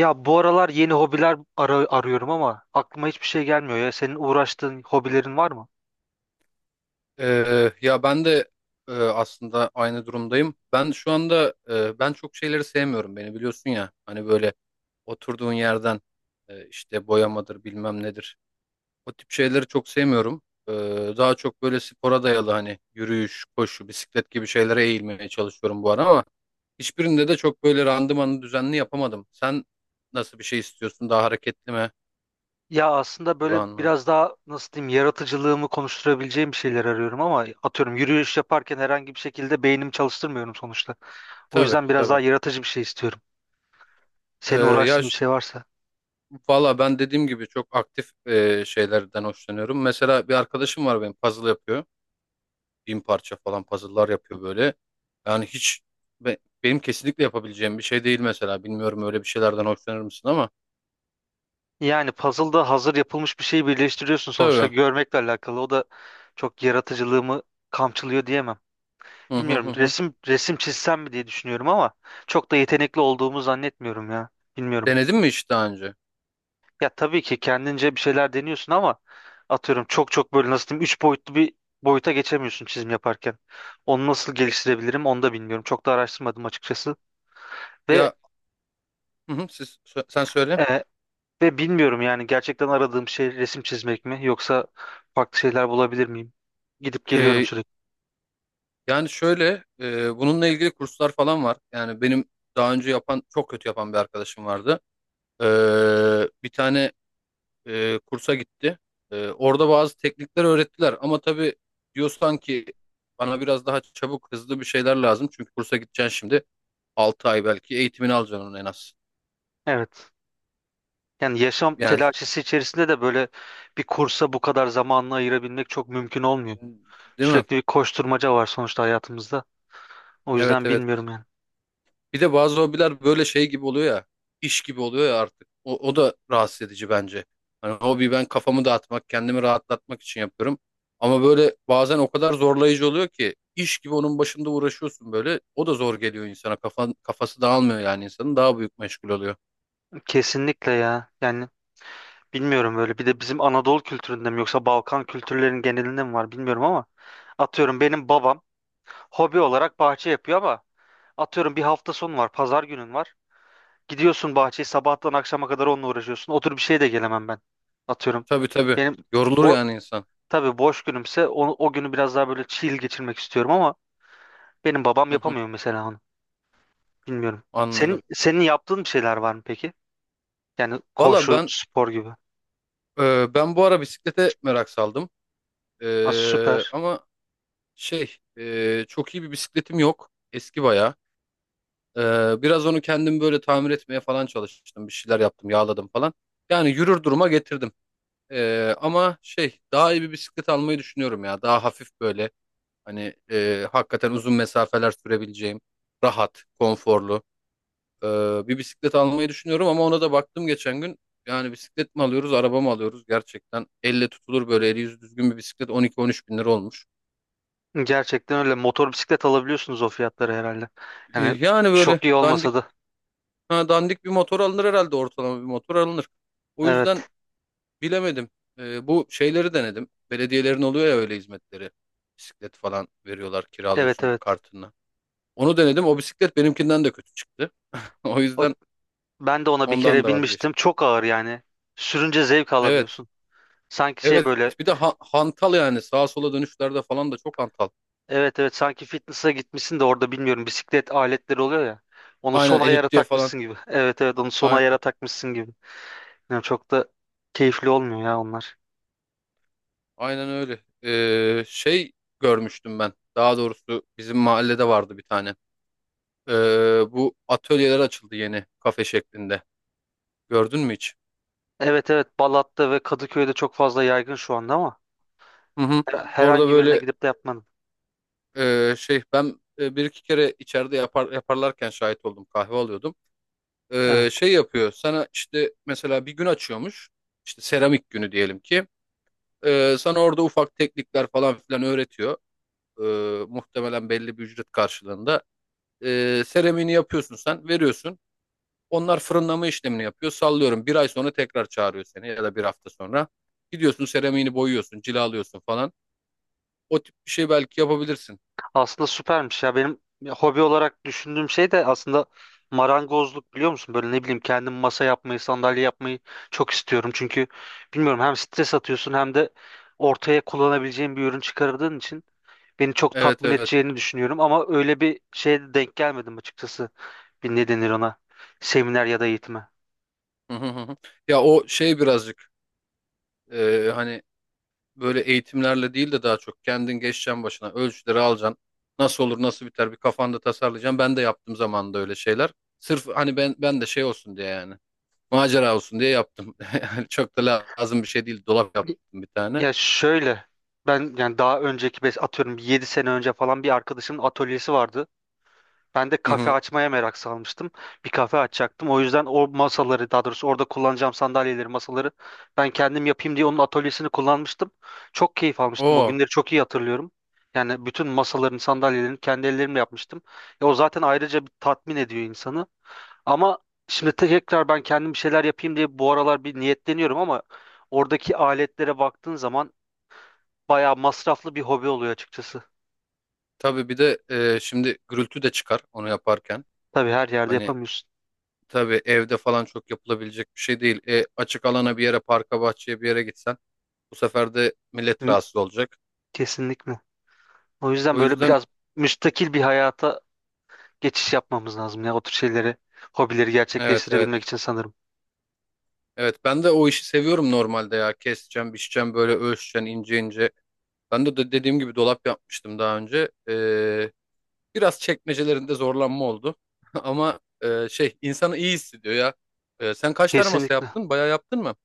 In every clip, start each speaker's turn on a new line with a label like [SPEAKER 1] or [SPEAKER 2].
[SPEAKER 1] Ya bu aralar yeni hobiler arıyorum ama aklıma hiçbir şey gelmiyor ya. Senin uğraştığın hobilerin var mı?
[SPEAKER 2] Ya ben de aslında aynı durumdayım. Ben şu anda, ben çok şeyleri sevmiyorum, beni biliyorsun ya. Hani böyle oturduğun yerden, işte boyamadır bilmem nedir. O tip şeyleri çok sevmiyorum. Ee, Daha çok böyle spora dayalı hani yürüyüş, koşu, bisiklet gibi şeylere eğilmeye çalışıyorum bu ara, ama hiçbirinde de çok böyle randımanı düzenli yapamadım. Sen nasıl bir şey istiyorsun? Daha hareketli mi,
[SPEAKER 1] Ya aslında böyle
[SPEAKER 2] duran mı?
[SPEAKER 1] biraz daha nasıl diyeyim yaratıcılığımı konuşturabileceğim bir şeyler arıyorum ama atıyorum yürüyüş yaparken herhangi bir şekilde beynimi çalıştırmıyorum sonuçta. O
[SPEAKER 2] Tabii,
[SPEAKER 1] yüzden biraz
[SPEAKER 2] tabii.
[SPEAKER 1] daha yaratıcı bir şey istiyorum.
[SPEAKER 2] Ee,
[SPEAKER 1] Senin
[SPEAKER 2] ya
[SPEAKER 1] uğraştığın bir şey varsa.
[SPEAKER 2] Valla ben dediğim gibi çok aktif şeylerden hoşlanıyorum. Mesela bir arkadaşım var, benim puzzle yapıyor. 1.000 parça falan puzzle'lar yapıyor böyle. Yani hiç be- benim kesinlikle yapabileceğim bir şey değil mesela. Bilmiyorum, öyle bir şeylerden hoşlanır mısın ama.
[SPEAKER 1] Yani puzzle'da hazır yapılmış bir şeyi birleştiriyorsun sonuçta
[SPEAKER 2] Tabii.
[SPEAKER 1] görmekle alakalı. O da çok yaratıcılığımı kamçılıyor diyemem.
[SPEAKER 2] Hı hı, hı
[SPEAKER 1] Bilmiyorum
[SPEAKER 2] hı.
[SPEAKER 1] resim çizsem mi diye düşünüyorum ama çok da yetenekli olduğumu zannetmiyorum ya. Bilmiyorum.
[SPEAKER 2] Denedin mi hiç daha önce?
[SPEAKER 1] Ya tabii ki kendince bir şeyler deniyorsun ama atıyorum çok çok böyle nasıl diyeyim 3 boyutlu bir boyuta geçemiyorsun çizim yaparken. Onu nasıl geliştirebilirim onu da bilmiyorum. Çok da araştırmadım açıkçası. Ve
[SPEAKER 2] Ya, hı hı, sen söyle.
[SPEAKER 1] e, ve bilmiyorum yani gerçekten aradığım şey resim çizmek mi yoksa farklı şeyler bulabilir miyim? Gidip geliyorum
[SPEAKER 2] E,
[SPEAKER 1] sürekli.
[SPEAKER 2] Yani şöyle, bununla ilgili kurslar falan var. Yani benim daha önce yapan, çok kötü yapan bir arkadaşım vardı. E, Bir tane kursa gitti. Orada bazı teknikler öğrettiler, ama tabii diyorsan ki bana biraz daha çabuk hızlı bir şeyler lazım. Çünkü kursa gideceksin şimdi, 6 ay belki eğitimini alacaksın onun en az.
[SPEAKER 1] Evet. Yani yaşam
[SPEAKER 2] Yani,
[SPEAKER 1] telaşesi içerisinde de böyle bir kursa bu kadar zamanını ayırabilmek çok mümkün olmuyor.
[SPEAKER 2] değil mi?
[SPEAKER 1] Sürekli bir koşturmaca var sonuçta hayatımızda. O
[SPEAKER 2] Evet,
[SPEAKER 1] yüzden
[SPEAKER 2] evet.
[SPEAKER 1] bilmiyorum yani.
[SPEAKER 2] Bir de bazı hobiler böyle şey gibi oluyor ya, iş gibi oluyor ya artık. O da rahatsız edici bence. Hani hobi, ben kafamı dağıtmak, kendimi rahatlatmak için yapıyorum. Ama böyle bazen o kadar zorlayıcı oluyor ki iş gibi onun başında uğraşıyorsun böyle. O da zor geliyor insana. Kafan, kafası dağılmıyor yani insanın. Daha büyük meşgul oluyor.
[SPEAKER 1] Kesinlikle ya. Yani bilmiyorum böyle. Bir de bizim Anadolu kültüründe mi yoksa Balkan kültürlerinin genelinde mi var bilmiyorum ama atıyorum benim babam hobi olarak bahçe yapıyor ama atıyorum bir hafta sonu var, pazar günün var. Gidiyorsun bahçeyi sabahtan akşama kadar onunla uğraşıyorsun. Otur bir şey de gelemem ben. Atıyorum.
[SPEAKER 2] Tabii, tabii.
[SPEAKER 1] Benim
[SPEAKER 2] Yorulur
[SPEAKER 1] bo
[SPEAKER 2] yani insan.
[SPEAKER 1] tabii boş günümse o günü biraz daha böyle chill geçirmek istiyorum ama benim babam
[SPEAKER 2] Hı hı,
[SPEAKER 1] yapamıyor mesela onu. Bilmiyorum. Senin
[SPEAKER 2] anladım.
[SPEAKER 1] senin yaptığın bir şeyler var mı peki? Yani
[SPEAKER 2] Valla
[SPEAKER 1] koşu,
[SPEAKER 2] ben,
[SPEAKER 1] spor gibi.
[SPEAKER 2] bu ara bisiklete merak saldım.
[SPEAKER 1] Ha, süper.
[SPEAKER 2] Ama çok iyi bir bisikletim yok. Eski bayağı. Biraz onu kendim böyle tamir etmeye falan çalıştım. Bir şeyler yaptım, yağladım falan. Yani yürür duruma getirdim. Ama daha iyi bir bisiklet almayı düşünüyorum ya. Daha hafif, böyle hani hakikaten uzun mesafeler sürebileceğim, rahat, konforlu, e, bir bisiklet almayı düşünüyorum. Ama ona da baktım geçen gün. Yani bisiklet mi alıyoruz, araba mı alıyoruz? Gerçekten elle tutulur, böyle eli yüzü düzgün bir bisiklet 12-13 bin lira olmuş.
[SPEAKER 1] Gerçekten öyle. Motor bisiklet alabiliyorsunuz o fiyatları herhalde. Yani
[SPEAKER 2] Yani böyle
[SPEAKER 1] çok iyi
[SPEAKER 2] dandik,
[SPEAKER 1] olmasa da.
[SPEAKER 2] ha, dandik bir motor alınır herhalde, ortalama bir motor alınır. O yüzden
[SPEAKER 1] Evet.
[SPEAKER 2] bilemedim. Bu şeyleri denedim. Belediyelerin oluyor ya öyle hizmetleri. Bisiklet falan veriyorlar,
[SPEAKER 1] Evet,
[SPEAKER 2] kiralıyorsun
[SPEAKER 1] evet.
[SPEAKER 2] kartını. Onu denedim. O bisiklet benimkinden de kötü çıktı. O
[SPEAKER 1] O,
[SPEAKER 2] yüzden
[SPEAKER 1] ben de ona bir
[SPEAKER 2] ondan
[SPEAKER 1] kere
[SPEAKER 2] da
[SPEAKER 1] binmiştim.
[SPEAKER 2] vazgeçtim.
[SPEAKER 1] Çok ağır yani. Sürünce zevk
[SPEAKER 2] Evet.
[SPEAKER 1] alamıyorsun. Sanki şey
[SPEAKER 2] Evet.
[SPEAKER 1] böyle.
[SPEAKER 2] Bir de hantal yani. Sağa sola dönüşlerde falan da çok hantal.
[SPEAKER 1] Evet, evet, sanki fitness'a gitmişsin de orada bilmiyorum bisiklet aletleri oluyor ya. Onu son
[SPEAKER 2] Aynen,
[SPEAKER 1] ayara
[SPEAKER 2] eliptiye falan.
[SPEAKER 1] takmışsın gibi. Evet, evet, onu son ayara
[SPEAKER 2] Aynen,
[SPEAKER 1] takmışsın gibi. Yani çok da keyifli olmuyor ya onlar.
[SPEAKER 2] aynen öyle. Görmüştüm ben. Daha doğrusu bizim mahallede vardı bir tane. Ee, Bu atölyeler açıldı yeni, kafe şeklinde. Gördün mü hiç?
[SPEAKER 1] Evet, evet, Balat'ta ve Kadıköy'de çok fazla yaygın şu anda ama.
[SPEAKER 2] Hı hı. Orada
[SPEAKER 1] Herhangi birine
[SPEAKER 2] böyle.
[SPEAKER 1] gidip de yapmadım.
[SPEAKER 2] Ben, bir iki kere içeride yaparlarken şahit oldum. Kahve alıyordum.
[SPEAKER 1] Evet.
[SPEAKER 2] Şey yapıyor. Sana işte mesela bir gün açıyormuş. İşte seramik günü diyelim ki. Sana orada ufak teknikler falan filan öğretiyor. Muhtemelen belli bir ücret karşılığında. Seramiğini yapıyorsun sen, veriyorsun. Onlar fırınlama işlemini yapıyor. Sallıyorum. Bir ay sonra tekrar çağırıyor seni, ya da bir hafta sonra. Gidiyorsun, seramiğini boyuyorsun, cilalıyorsun falan. O tip bir şey belki yapabilirsin.
[SPEAKER 1] Aslında süpermiş ya. Benim hobi olarak düşündüğüm şey de aslında marangozluk, biliyor musun? Böyle ne bileyim kendim masa yapmayı, sandalye yapmayı çok istiyorum. Çünkü bilmiyorum, hem stres atıyorsun hem de ortaya kullanabileceğin bir ürün çıkardığın için beni çok
[SPEAKER 2] Evet,
[SPEAKER 1] tatmin
[SPEAKER 2] evet.
[SPEAKER 1] edeceğini düşünüyorum. Ama öyle bir şeye de denk gelmedim açıkçası. Bir ne denir ona? Seminer ya da eğitime.
[SPEAKER 2] Hı hı, hı hı. Ya, o şey birazcık, hani böyle eğitimlerle değil de daha çok kendin geçeceksin başına, ölçüleri alacaksın. Nasıl olur nasıl biter, bir kafanda tasarlayacaksın. Ben de yaptım zamanında öyle şeyler. Sırf hani ben de şey olsun diye, yani macera olsun diye yaptım. Yani çok da lazım bir şey değil, dolap yaptım bir tane.
[SPEAKER 1] Ya şöyle, ben yani daha önceki atıyorum 7 sene önce falan bir arkadaşımın atölyesi vardı. Ben de
[SPEAKER 2] Hı
[SPEAKER 1] kafe
[SPEAKER 2] hı.
[SPEAKER 1] açmaya merak salmıştım. Bir kafe açacaktım. O yüzden o masaları, daha doğrusu orada kullanacağım sandalyeleri, masaları ben kendim yapayım diye onun atölyesini kullanmıştım. Çok keyif almıştım. O
[SPEAKER 2] O
[SPEAKER 1] günleri çok iyi hatırlıyorum. Yani bütün masaların, sandalyelerini kendi ellerimle yapmıştım. E, o zaten ayrıca bir tatmin ediyor insanı. Ama şimdi tekrar ben kendim bir şeyler yapayım diye bu aralar bir niyetleniyorum ama oradaki aletlere baktığın zaman bayağı masraflı bir hobi oluyor açıkçası.
[SPEAKER 2] tabii. Bir de şimdi gürültü de çıkar onu yaparken.
[SPEAKER 1] Tabii her yerde
[SPEAKER 2] Hani
[SPEAKER 1] yapamıyorsun.
[SPEAKER 2] tabii evde falan çok yapılabilecek bir şey değil. Açık alana bir yere, parka bahçeye bir yere gitsen, bu sefer de millet
[SPEAKER 1] Hı.
[SPEAKER 2] rahatsız olacak.
[SPEAKER 1] Kesinlikle. O yüzden
[SPEAKER 2] O
[SPEAKER 1] böyle
[SPEAKER 2] yüzden
[SPEAKER 1] biraz müstakil bir hayata geçiş yapmamız lazım ya o tür şeyleri, hobileri
[SPEAKER 2] evet,
[SPEAKER 1] gerçekleştirebilmek
[SPEAKER 2] evet.
[SPEAKER 1] için sanırım.
[SPEAKER 2] Evet, ben de o işi seviyorum normalde ya. Keseceğim, biçeceğim, böyle ölçeceğim ince ince. Ben de, dediğim gibi dolap yapmıştım daha önce. Biraz çekmecelerinde zorlanma oldu. Ama, insanı iyi hissediyor ya. Sen kaç tane masa
[SPEAKER 1] Kesinlikle.
[SPEAKER 2] yaptın? Bayağı yaptın mı?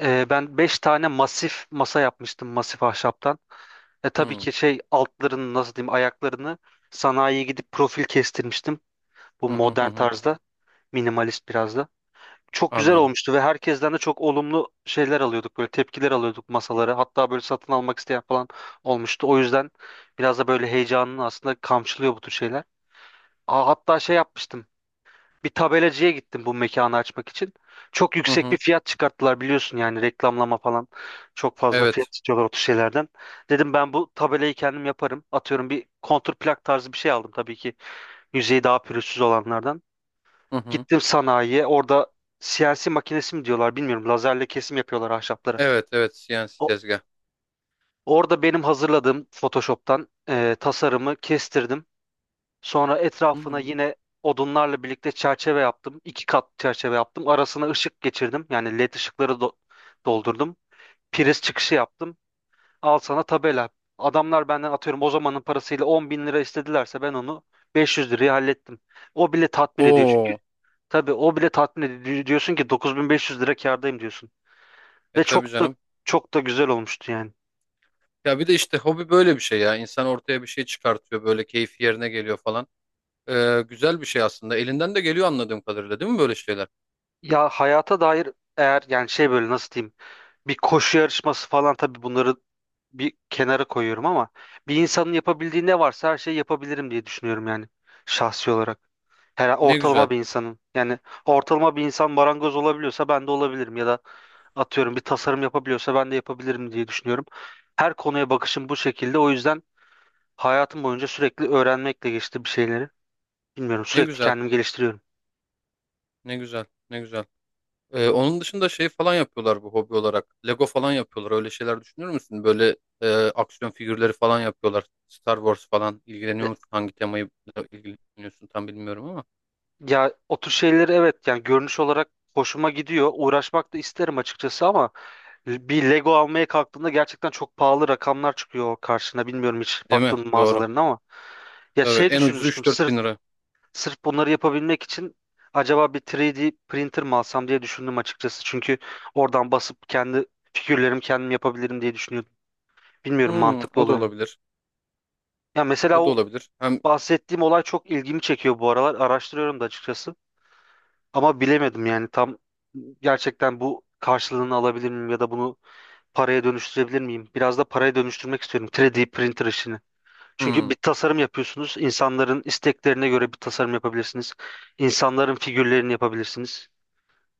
[SPEAKER 1] Ben 5 tane masif masa yapmıştım masif ahşaptan. E, tabii
[SPEAKER 2] Hmm.
[SPEAKER 1] ki şey altlarını nasıl diyeyim ayaklarını sanayiye gidip profil kestirmiştim. Bu
[SPEAKER 2] Hı hı, hı
[SPEAKER 1] modern
[SPEAKER 2] hı.
[SPEAKER 1] tarzda, minimalist biraz da. Çok güzel
[SPEAKER 2] Anladım.
[SPEAKER 1] olmuştu ve herkesten de çok olumlu şeyler alıyorduk, böyle tepkiler alıyorduk masaları. Hatta böyle satın almak isteyen falan olmuştu. O yüzden biraz da böyle heyecanını aslında kamçılıyor bu tür şeyler. Aa, hatta şey yapmıştım. Bir tabelacıya gittim bu mekanı açmak için. Çok
[SPEAKER 2] Hı
[SPEAKER 1] yüksek bir
[SPEAKER 2] hı.
[SPEAKER 1] fiyat çıkarttılar, biliyorsun yani reklamlama falan. Çok fazla fiyat
[SPEAKER 2] Evet.
[SPEAKER 1] istiyorlar o tür şeylerden. Dedim ben bu tabelayı kendim yaparım. Atıyorum bir kontur plak tarzı bir şey aldım tabii ki. Yüzeyi daha pürüzsüz olanlardan.
[SPEAKER 2] Hı hı.
[SPEAKER 1] Gittim sanayiye. Orada CNC makinesi mi diyorlar bilmiyorum. Lazerle kesim yapıyorlar ahşapları.
[SPEAKER 2] Evet, evet, CNC
[SPEAKER 1] O-
[SPEAKER 2] tezgah.
[SPEAKER 1] Orada benim hazırladığım Photoshop'tan tasarımı kestirdim. Sonra
[SPEAKER 2] Hı
[SPEAKER 1] etrafına
[SPEAKER 2] hı.
[SPEAKER 1] yine odunlarla birlikte çerçeve yaptım. İki kat çerçeve yaptım. Arasına ışık geçirdim. Yani led ışıkları doldurdum. Priz çıkışı yaptım. Al sana tabela. Adamlar benden atıyorum o zamanın parasıyla 10 bin lira istedilerse ben onu 500 liraya hallettim. O bile tatmin ediyor çünkü.
[SPEAKER 2] Oo.
[SPEAKER 1] Tabii o bile tatmin ediyor. Diyorsun ki 9.500 lira kârdayım diyorsun. Ve
[SPEAKER 2] Tabii
[SPEAKER 1] çok da
[SPEAKER 2] canım.
[SPEAKER 1] çok da güzel olmuştu yani.
[SPEAKER 2] Ya bir de işte, hobi böyle bir şey ya. İnsan ortaya bir şey çıkartıyor, böyle keyfi yerine geliyor falan. Güzel bir şey aslında. Elinden de geliyor anladığım kadarıyla, değil mi, böyle şeyler?
[SPEAKER 1] Ya hayata dair, eğer yani şey böyle nasıl diyeyim bir koşu yarışması falan, tabii bunları bir kenara koyuyorum ama bir insanın yapabildiği ne varsa her şeyi yapabilirim diye düşünüyorum yani şahsi olarak. Her
[SPEAKER 2] Ne
[SPEAKER 1] ortalama
[SPEAKER 2] güzel.
[SPEAKER 1] bir insanın yani ortalama bir insan marangoz olabiliyorsa ben de olabilirim ya da atıyorum bir tasarım yapabiliyorsa ben de yapabilirim diye düşünüyorum. Her konuya bakışım bu şekilde, o yüzden hayatım boyunca sürekli öğrenmekle geçti bir şeyleri. Bilmiyorum,
[SPEAKER 2] Ne
[SPEAKER 1] sürekli
[SPEAKER 2] güzel.
[SPEAKER 1] kendimi geliştiriyorum.
[SPEAKER 2] Ne güzel. Ne güzel. Onun dışında şey falan yapıyorlar bu, hobi olarak. Lego falan yapıyorlar. Öyle şeyler düşünür müsün? Böyle aksiyon figürleri falan yapıyorlar. Star Wars falan. İlgileniyor musun? Hangi temayı ilgileniyorsun tam bilmiyorum ama.
[SPEAKER 1] Ya o tür şeyleri evet, yani görünüş olarak hoşuma gidiyor. Uğraşmak da isterim açıkçası ama bir Lego almaya kalktığında gerçekten çok pahalı rakamlar çıkıyor karşına. Bilmiyorum hiç
[SPEAKER 2] Değil mi?
[SPEAKER 1] baktığın
[SPEAKER 2] Doğru.
[SPEAKER 1] mağazalarına ama. Ya
[SPEAKER 2] Tabii,
[SPEAKER 1] şey
[SPEAKER 2] en ucuzu
[SPEAKER 1] düşünmüştüm,
[SPEAKER 2] üç dört
[SPEAKER 1] sırf
[SPEAKER 2] bin lira.
[SPEAKER 1] sırf bunları yapabilmek için acaba bir 3D printer mi alsam diye düşündüm açıkçası. Çünkü oradan basıp kendi figürlerimi kendim yapabilirim diye düşünüyordum. Bilmiyorum mantıklı
[SPEAKER 2] O da
[SPEAKER 1] olur mu?
[SPEAKER 2] olabilir.
[SPEAKER 1] Ya mesela
[SPEAKER 2] O da
[SPEAKER 1] o
[SPEAKER 2] olabilir. Hem
[SPEAKER 1] bahsettiğim olay çok ilgimi çekiyor bu aralar. Araştırıyorum da açıkçası. Ama bilemedim yani tam, gerçekten bu karşılığını alabilir miyim ya da bunu paraya dönüştürebilir miyim? Biraz da paraya dönüştürmek istiyorum 3D printer işini. Çünkü
[SPEAKER 2] hmm,
[SPEAKER 1] bir tasarım yapıyorsunuz. İnsanların isteklerine göre bir tasarım yapabilirsiniz. İnsanların figürlerini yapabilirsiniz.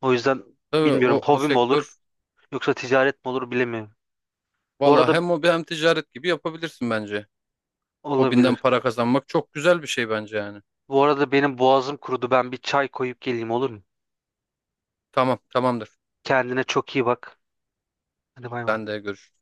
[SPEAKER 1] O yüzden
[SPEAKER 2] tabii
[SPEAKER 1] bilmiyorum
[SPEAKER 2] o
[SPEAKER 1] hobi mi olur
[SPEAKER 2] sektör.
[SPEAKER 1] yoksa ticaret mi olur bilemiyorum. Bu
[SPEAKER 2] Valla
[SPEAKER 1] arada
[SPEAKER 2] hem hobi hem ticaret gibi yapabilirsin bence. Hobinden
[SPEAKER 1] olabilir.
[SPEAKER 2] para kazanmak çok güzel bir şey bence yani.
[SPEAKER 1] Bu arada benim boğazım kurudu. Ben bir çay koyup geleyim, olur mu?
[SPEAKER 2] Tamam, tamamdır.
[SPEAKER 1] Kendine çok iyi bak. Hadi bay bay.
[SPEAKER 2] Ben de görüşürüz.